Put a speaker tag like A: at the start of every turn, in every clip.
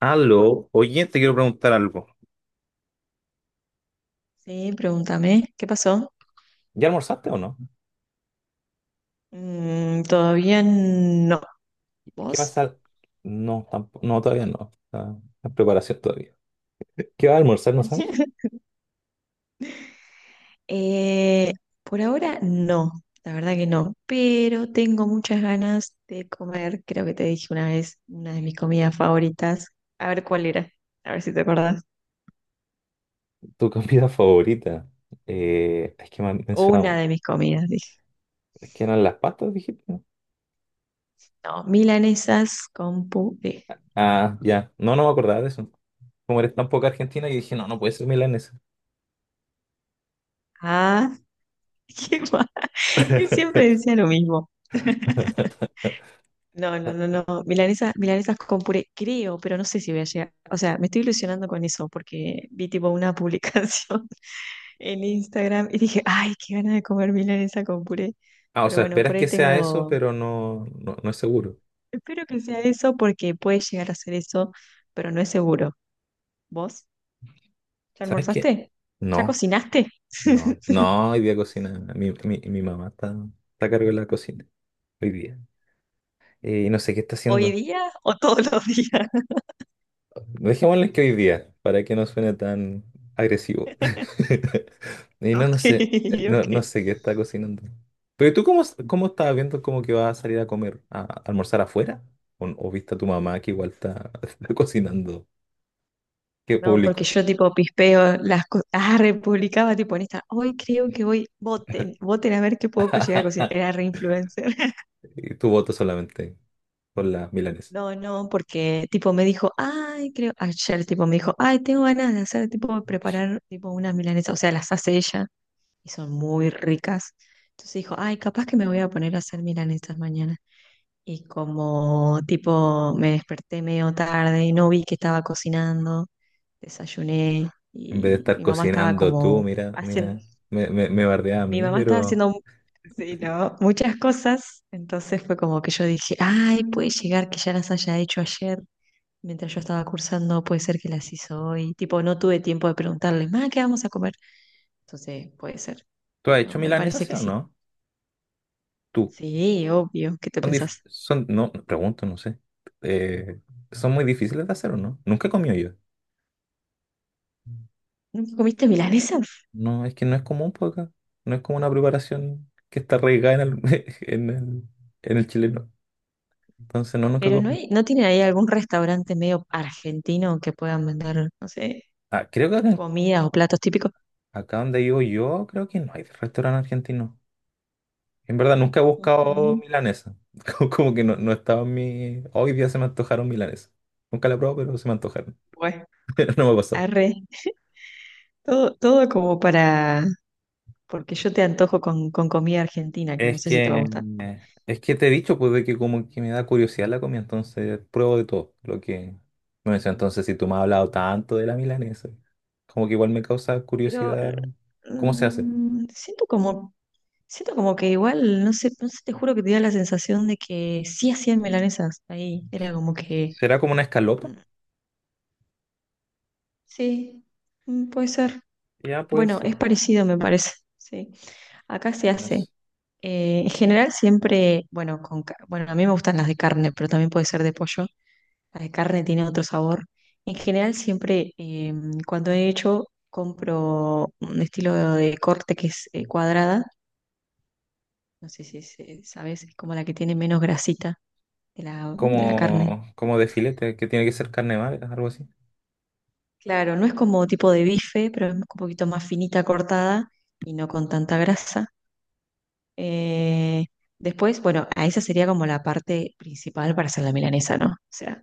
A: Aló, oye, te quiero preguntar algo.
B: Sí, pregúntame, ¿qué pasó?
A: ¿Ya almorzaste o no?
B: Mm, todavía no.
A: ¿Qué vas
B: ¿Vos?
A: a...? No, tampoco, no, todavía no. Está en preparación todavía. ¿Qué vas a almorzar, no sabes?
B: Eh, por ahora no, la verdad que no, pero tengo muchas ganas de comer, creo que te dije una vez, una de mis comidas favoritas. A ver cuál era, a ver si te acordás.
A: ¿Tu comida favorita? Es que me han
B: Una
A: mencionado,
B: de mis comidas, dije.
A: es que eran las pastas, dijiste. ¿No?
B: No, milanesas con puré.
A: Ah, ya. No, no me acordaba de eso. Como eres tan poca argentina, yo dije, no, no puede ser milanesa.
B: Ah, qué mal. Siempre decía lo mismo. No, no, no, no. Milanesa, milanesas con puré, creo, pero no sé si voy a llegar. O sea, me estoy ilusionando con eso porque vi tipo una publicación en Instagram y dije, ay, qué ganas de comer milanesa con puré.
A: Ah, o
B: Pero
A: sea,
B: bueno, por
A: esperas
B: ahí
A: que sea eso,
B: tengo.
A: pero no, no, no es seguro.
B: Espero que sea eso porque puede llegar a ser eso, pero no es seguro. ¿Vos? ¿Ya
A: ¿Sabes qué?
B: almorzaste? ¿Ya
A: No.
B: cocinaste?
A: No, no, hoy día cocina. Mi mamá está, está a cargo de la cocina hoy día. Y no sé qué está
B: ¿Hoy
A: haciendo.
B: día o todos los días?
A: Dejémosle que hoy día, para que no suene tan agresivo. Y no, no
B: Ok,
A: sé, no, no
B: ok.
A: sé qué está cocinando. Pero ¿y tú cómo, cómo estabas viendo como que vas a salir a comer, a, almorzar afuera? O viste a tu mamá que igual está, está cocinando? ¿Qué
B: No, porque
A: público?
B: yo tipo pispeo las cosas, ah, republicaba tipo en esta, hoy creo que voten a ver qué puedo llegar a cocinar,
A: Ah,
B: era re influencer.
A: y tu voto solamente por las milanesa.
B: No, no, porque tipo me dijo, ay, creo, ayer tipo me dijo, ay, tengo ganas de hacer tipo preparar tipo unas milanesas, o sea, las hace ella y son muy ricas. Entonces dijo, ay, capaz que me voy a poner a hacer milanesas mañana. Y como tipo me desperté medio tarde, no vi que estaba cocinando, desayuné
A: En vez de
B: y
A: estar
B: mi mamá estaba
A: cocinando tú,
B: como
A: mira,
B: haciendo,
A: mira, me bardea a
B: mi
A: mí,
B: mamá estaba
A: pero...
B: haciendo sí, ¿no?, muchas cosas, entonces fue como que yo dije, ay, puede llegar que ya las haya hecho ayer, mientras yo estaba cursando, puede ser que las hizo hoy, tipo no tuve tiempo de preguntarle, ma, ¿qué vamos a comer? Entonces puede ser,
A: ¿Tú has hecho
B: pero me
A: milanesa,
B: parece
A: sí
B: que
A: o
B: sí.
A: no? Tú.
B: Sí, obvio, ¿qué te
A: Son, dif-
B: pensás?
A: son, no, pregunto, no sé. Eh, ¿Son muy difíciles de hacer o no? Nunca he comido yo.
B: ¿Nunca comiste milanesa?
A: No, es que no es común por acá. No es como una preparación que está arraigada en el, en el, en el chileno. Entonces, no, nunca he
B: Pero no
A: comido.
B: hay, no tienen ahí algún restaurante medio argentino que puedan vender, no sé,
A: Ah, creo que acá,
B: comidas o platos típicos.
A: acá donde vivo yo, creo que no hay restaurante argentino. En verdad, nunca he buscado
B: Ujú.
A: milanesa. Como, como que no, no estaba en mi... Hoy día se me antojaron milanesa. Nunca la he probado, pero se me antojaron.
B: Bueno,
A: No me ha pasado.
B: arre. Todo, todo como para, porque yo te antojo con, comida argentina, que no
A: Es
B: sé si te va a
A: que,
B: gustar.
A: es que te he dicho, pues, de que como que me da curiosidad la comida, entonces pruebo de todo lo que me mencionas. Entonces, si tú me has hablado tanto de la milanesa, como que igual me causa
B: Pero
A: curiosidad cómo se hace.
B: mm, siento como, siento como que igual, no sé, no sé, te juro que te da la sensación de que sí hacían milanesas ahí. Era como que
A: ¿Será como una escalopa?
B: mm, sí, puede ser.
A: Ya puede
B: Bueno,
A: ser.
B: es parecido, me parece. Sí. Acá se
A: No
B: hace.
A: sé.
B: En general siempre, bueno, bueno, a mí me gustan las de carne, pero también puede ser de pollo. La de carne tiene otro sabor. En general siempre, cuando he hecho, compro un estilo de corte que es cuadrada. No sé si es, sabes, es como la que tiene menos grasita de la carne.
A: Como, como de filete, que tiene que ser carne magra, algo así.
B: Claro, no es como tipo de bife, pero es un poquito más finita cortada y no con tanta grasa. Eh, Después, bueno, a esa sería como la parte principal para hacer la milanesa, ¿no? O sea,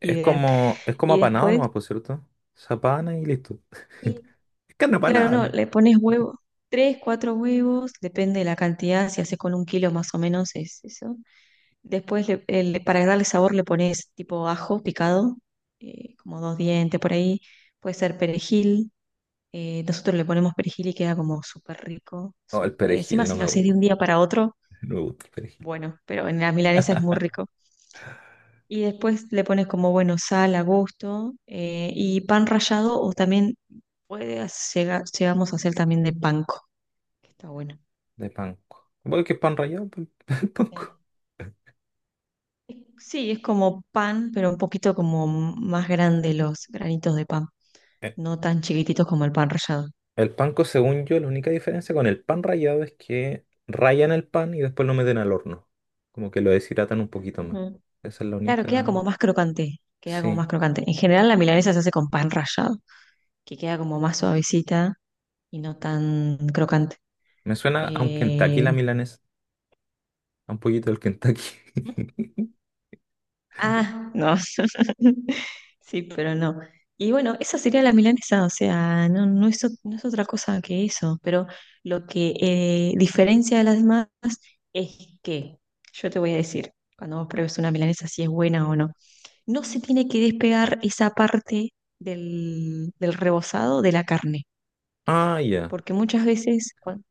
B: ideal.
A: Es como
B: Y
A: apanado
B: después,
A: nomás, por cierto. Se apana y listo.
B: sí,
A: Es carne
B: claro,
A: apanada,
B: no,
A: ¿no?
B: le pones huevo, tres, cuatro huevos, depende de la cantidad, si haces con 1 kilo más o menos es eso. Después, para darle sabor, le pones tipo ajo picado, como dos dientes por ahí, puede ser perejil. Nosotros le ponemos perejil y queda como súper rico.
A: No, el
B: Encima,
A: perejil no
B: si lo
A: me
B: haces de un
A: gusta.
B: día para otro,
A: No me gusta
B: bueno, pero en la milanesa es muy rico. Y después le pones como, bueno, sal a gusto y pan rallado o también Puede llegamos a hacer también de panko, que está bueno.
A: de panko. Bueno, que es pan rallado, pues, el
B: Sí.
A: panko.
B: Sí, es como pan, pero un poquito como más grande los granitos de pan,
A: Eh,
B: no tan chiquititos como el pan rallado.
A: El panko, según yo, la única diferencia con el pan rallado es que rayan el pan y después lo meten al horno. Como que lo deshidratan un poquito más.
B: Ujú.
A: Esa es la
B: Claro, queda
A: única.
B: como más crocante, queda como
A: Sí.
B: más crocante. En general la milanesa se hace con pan rallado, que queda como más suavecita y no tan crocante.
A: Me suena a un Kentucky
B: Eh,
A: la milanesa. A un poquito del Kentucky.
B: Ah, no. Sí, pero no. Y bueno, esa sería la milanesa, o sea, no, no es, no es otra cosa que eso, pero lo que diferencia de las demás es que, yo te voy a decir, cuando vos pruebes una milanesa si es buena o no, no se tiene que despegar esa parte del rebozado de la carne,
A: Ah, ya.
B: porque muchas veces cuando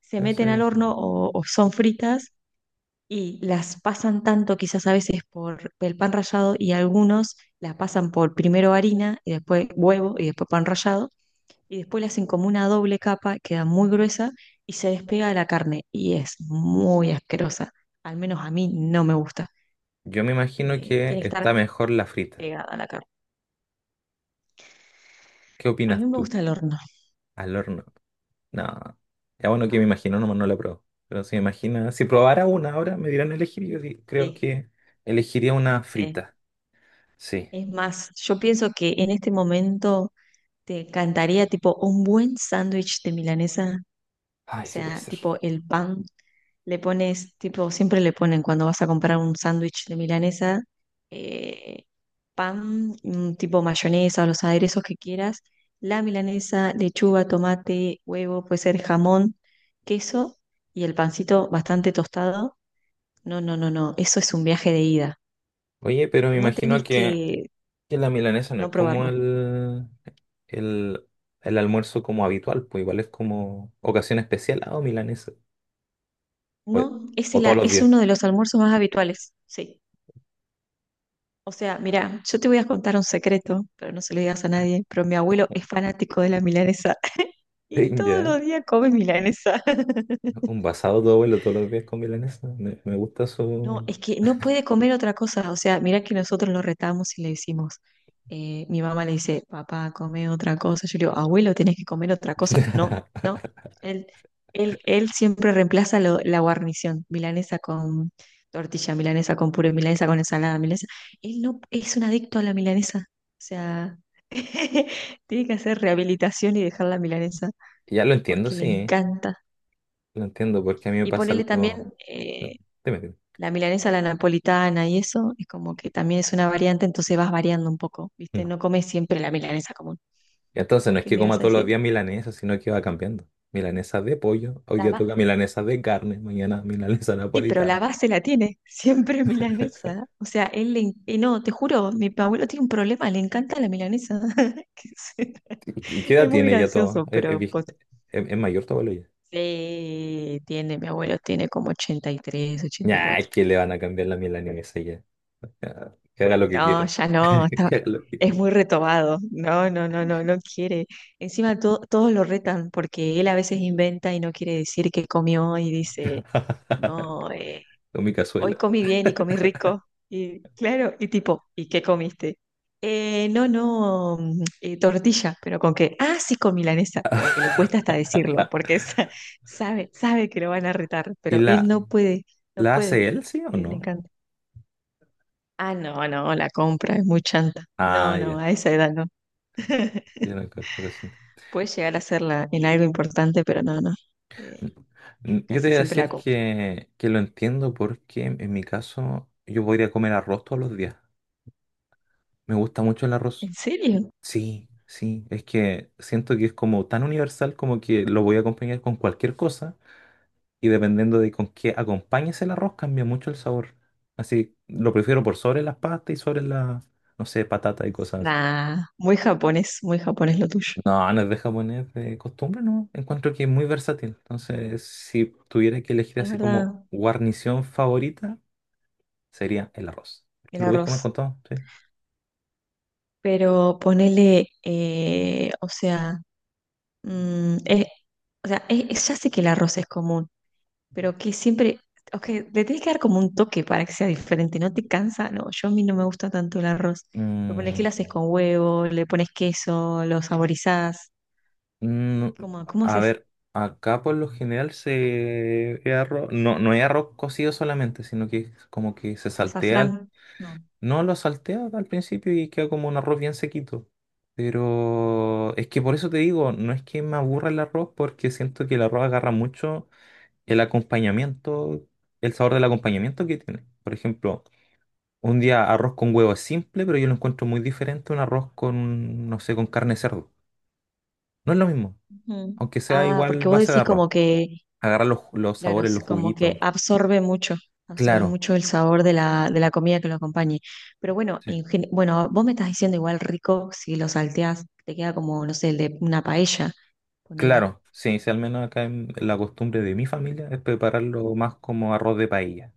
B: se meten al
A: Ese-
B: horno o son fritas y las pasan tanto quizás a veces por el pan rallado y algunos la pasan por primero harina y después huevo y después pan rallado y después le hacen como una doble capa, queda muy gruesa y se despega de la carne y es muy asquerosa. Al menos a mí no me gusta.
A: Yo me imagino que
B: Tiene que estar
A: está mejor la frita.
B: pegada a la carne.
A: ¿Qué
B: A mí
A: opinas
B: me
A: tú?
B: gusta el horno.
A: Al horno. No, ya bueno que me
B: No,
A: imagino, nomás no la pruebo. Pero si me imagina, si probara una ahora, me dirán elegir, y yo di- creo
B: sí,
A: que elegiría una
B: sí.
A: frita. Sí.
B: Es más, yo pienso que en este momento te encantaría tipo un buen sándwich de milanesa.
A: Ay,
B: O
A: sí puede
B: sea,
A: ser.
B: tipo el pan, le pones, tipo, siempre le ponen cuando vas a comprar un sándwich de milanesa, eh, pan, tipo mayonesa o los aderezos que quieras, la milanesa, lechuga, tomate, huevo, puede ser jamón, queso y el pancito bastante tostado. No, no, no, no, eso es un viaje de ida.
A: Oye, pero me
B: No tenés
A: imagino
B: que
A: que la milanesa no es
B: no
A: como
B: probarlo.
A: el, el almuerzo como habitual, pues igual es como ocasión especial, ah, o milanesa. O,
B: No, es,
A: o todos los
B: es
A: días.
B: uno de los almuerzos más habituales, sí. O sea, mira, yo te voy a contar un secreto, pero no se lo digas a nadie, pero mi abuelo es fanático de la milanesa y
A: Sí,
B: todos
A: ya,
B: los días come milanesa.
A: un basado todo vuelo todos los días con milanesa. Me gusta
B: No,
A: su...
B: es que no puede comer otra cosa. O sea, mira que nosotros lo retamos y le decimos, mi mamá le dice, papá, come otra cosa. Yo le digo, abuelo, tenés que comer otra cosa. No, no. Él, él siempre reemplaza la guarnición, milanesa con tortilla, milanesa con puré, milanesa con ensalada, milanesa. Él no es un adicto a la milanesa. O sea, tiene que hacer rehabilitación y dejar la milanesa
A: Ya lo entiendo,
B: porque le
A: sí,
B: encanta.
A: lo entiendo, porque a mí me
B: Y
A: pasa
B: ponerle
A: algo.
B: también,
A: No, dime, dime.
B: la milanesa, la napolitana y eso, es como que también es una variante, entonces vas variando un poco, ¿viste?
A: Mm.
B: No comes siempre la milanesa común.
A: Y entonces no es
B: ¿Qué
A: que
B: me
A: coma
B: ibas a
A: todos los
B: decir?
A: días milanesa, sino que va cambiando. Milanesa de pollo, hoy
B: La
A: día
B: ba-
A: toca milanesa de carne, mañana milanesa
B: Sí, pero
A: napolitana.
B: la base la tiene, siempre milanesa. O sea, él le... No, te juro, mi abuelo tiene un problema, le encanta la milanesa. Que se-
A: Y qué edad
B: Es muy
A: tiene ya todo?
B: gracioso,
A: Es
B: pero...
A: vie-
B: posta.
A: es mayor todo ya?
B: Sí, tiene, mi abuelo tiene como 80, 83,
A: Ya,
B: ochenta y
A: nah, es
B: cuatro
A: que le van a cambiar la milanesa ya. Ya, que haga lo que
B: No,
A: quiera.
B: ya no,
A: Que haga lo que
B: es
A: quiera.
B: muy retobado. No, no, no, no, no quiere. Encima todos lo retan porque él a veces inventa y no quiere decir que comió y dice, no,
A: Con mi cazuela.
B: hoy comí bien y comí rico. Y claro, y tipo, ¿y qué comiste? No, no, tortilla, pero con que. Ah, sí, con milanesa." Como que le cuesta hasta decirlo porque sabe que lo van a retar,
A: ¿Y
B: pero él
A: la,
B: no puede, no
A: la
B: puede.
A: hace él, sí o
B: Le
A: no?
B: encanta. Ah, no, no, la compra es muy chanta.
A: Ah,
B: No, no,
A: ya.
B: a esa edad no.
A: Yo no, creo- creo que sí.
B: Puede llegar a serla en algo importante, pero no, no. Eh,
A: Mm, yo te
B: Casi
A: voy a
B: siempre la
A: decir
B: compra.
A: que lo entiendo porque en mi caso yo podría comer arroz todos los días. Me gusta mucho el
B: ¿En
A: arroz.
B: serio?
A: Sí, sí, es que siento que es como tan universal como que lo voy a acompañar con cualquier cosa y dependiendo de con qué acompañes el arroz cambia mucho el sabor. Así lo prefiero por sobre las pastas y sobre las, no sé, patatas y cosas así.
B: Nah, muy japonés lo tuyo.
A: No, no es de japonés de costumbre, no. Encuentro que es muy versátil. Entonces, si tuviera que elegir
B: Es
A: así como
B: verdad,
A: guarnición favorita, sería el arroz.
B: el
A: Porque lo voy a comer
B: arroz.
A: con todo, ¿sí?
B: Pero ponele, o sea, mm, es- o sea, ya sé que el arroz es común. Pero que siempre, ok, le tienes que dar como un toque para que sea diferente, ¿no te cansa? No, yo a mí no me gusta tanto el arroz. Pero ponele que
A: Mm,
B: lo haces con huevo, le pones queso, lo saborizás.
A: mm,
B: ¿Cómo
A: a
B: haces?
A: ver, acá por lo general se es arroz, no, no es arroz cocido solamente, sino que es como que se saltea. Al-
B: ¿Azafrán? No.
A: No lo saltea al principio y queda como un arroz bien sequito. Pero es que por eso te digo, no es que me aburra el arroz, porque siento que el arroz agarra mucho el acompañamiento, el sabor del acompañamiento que tiene. Por ejemplo, un día arroz con huevo es simple, pero yo lo encuentro muy diferente a un arroz con, no sé, con carne de cerdo. No es lo mismo,
B: Ujú.
A: aunque sea
B: Ah,
A: igual
B: porque vos
A: base de
B: decís
A: arroz.
B: como que,
A: Agarrar los
B: claro,
A: sabores,
B: sí,
A: los
B: como que
A: juguitos.
B: absorbe
A: Claro,
B: mucho el sabor de la, comida que lo acompañe. Pero bueno,
A: sí,
B: en bueno, vos me estás diciendo igual rico si lo salteás, te queda como, no sé, el de una paella, ponele.
A: claro. Sí, sí, al menos acá en la costumbre de mi familia es prepararlo más como arroz de paella.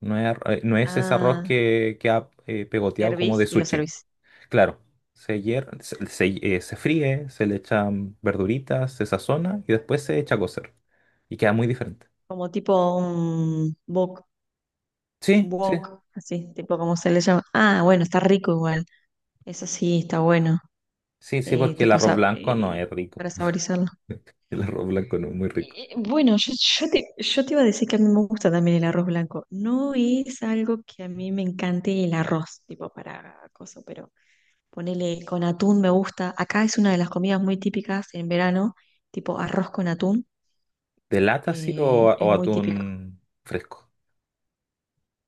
A: No es, arro- no es ese arroz
B: Ah,
A: que ha pegoteado como
B: hervís
A: de
B: y lo
A: sushi.
B: servís.
A: Claro, se, hier- se, se, se fríe, se le echan verduritas, se sazona y después se echa a cocer. Y queda muy diferente.
B: Como tipo un wok,
A: Sí, sí.
B: wok, así, tipo como se le llama. Ah, bueno, está rico igual. Eso sí, está bueno.
A: Sí, sí, porque el
B: Tipo
A: arroz blanco no es rico.
B: para saborizarlo.
A: El arroz blanco no es muy rico.
B: Bueno, yo te iba a decir que a mí me gusta también el arroz blanco. No es algo que a mí me encante el arroz, tipo para cosas, pero ponele con atún me gusta. Acá es una de las comidas muy típicas en verano, tipo arroz con atún,
A: ¿De lata sí
B: es
A: o
B: muy típico.
A: atún fresco?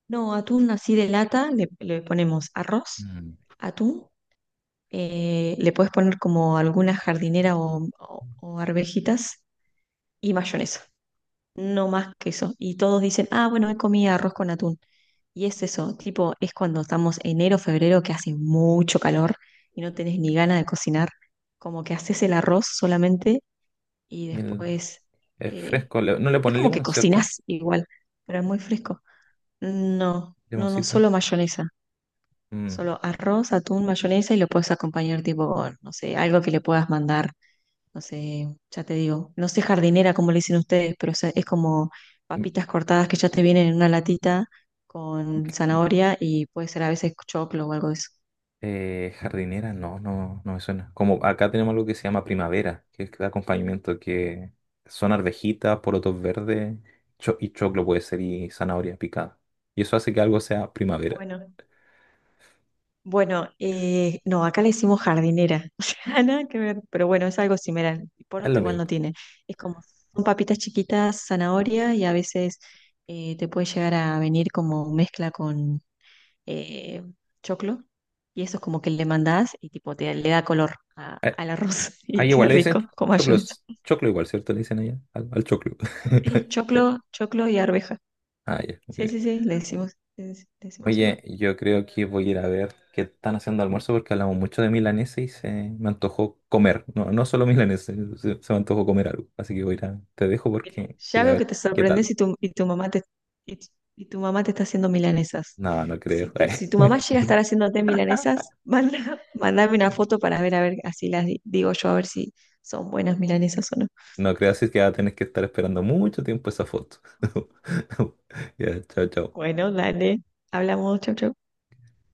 B: No, atún así de lata, le ponemos arroz,
A: Mm.
B: atún, le puedes poner como alguna jardinera o, o arvejitas y mayonesa, no más que eso. Y todos dicen, ah, bueno, he comido arroz con atún. Y es eso, tipo, es cuando estamos enero, febrero, que hace mucho calor y no tenés ni ganas de cocinar, como que haces el arroz solamente y
A: Y el-
B: después
A: es
B: eh,
A: fresco. Le- No le
B: es
A: pone
B: como que
A: limón, ¿cierto?
B: cocinás igual, pero es muy fresco. No, no, no,
A: Limoncito.
B: solo mayonesa.
A: Mm.
B: Solo arroz, atún, mayonesa y lo puedes acompañar tipo con, no sé, algo que le puedas mandar, no sé, ya te digo, no sé jardinera como le dicen ustedes, pero o sea, es como
A: Mm,
B: papitas cortadas que ya te vienen en una latita con
A: mm.
B: zanahoria y puede ser a veces choclo o algo de eso.
A: Jardinera, no, no, no me suena. Como acá tenemos algo que se llama primavera, que es el acompañamiento que son arvejitas, porotos verdes, cho- y choclo puede ser y zanahoria picada. Y eso hace que algo sea primavera.
B: Bueno, bueno, no, acá le decimos jardinera, o sea, nada que ver, pero bueno, es algo similar. Y
A: Es
B: poroto
A: lo
B: igual no
A: mismo.
B: tiene, es como, son papitas chiquitas, zanahoria y a veces te puede llegar a venir como mezcla con eh, choclo y eso es como que le mandás y tipo te le da color al arroz y
A: Ahí igual
B: qué
A: le dicen
B: rico con mayonesa.
A: choclos. Choclo igual, ¿cierto? Le dicen allá al, al choclo.
B: Sí,
A: Sí.
B: choclo, choclo y arveja.
A: Ah, ya, muy
B: Sí,
A: bien.
B: sí, sí, le decimos
A: Oye,
B: igual.
A: yo creo que voy a ir a ver qué están haciendo de almuerzo porque hablamos mucho de milanesa y se me antojó comer. No, no solo milanesa, se me antojó comer algo. Así que voy a ir a, te dejo
B: Bien.
A: porque voy a
B: Ya
A: ir a
B: veo que
A: ver
B: te
A: qué
B: sorprendes
A: tal.
B: y tu, mamá te y, tu y tu mamá te está haciendo milanesas.
A: No, no creo.
B: Si tu mamá llega a estar haciéndote milanesas, manda, mandame una foto para ver, a ver, así las digo yo, a ver si son buenas milanesas o no.
A: No creo, así que va a tener que estar esperando mucho tiempo esa foto. Ya, chao, chao.
B: Bueno, dale, hablamos, chau, chau.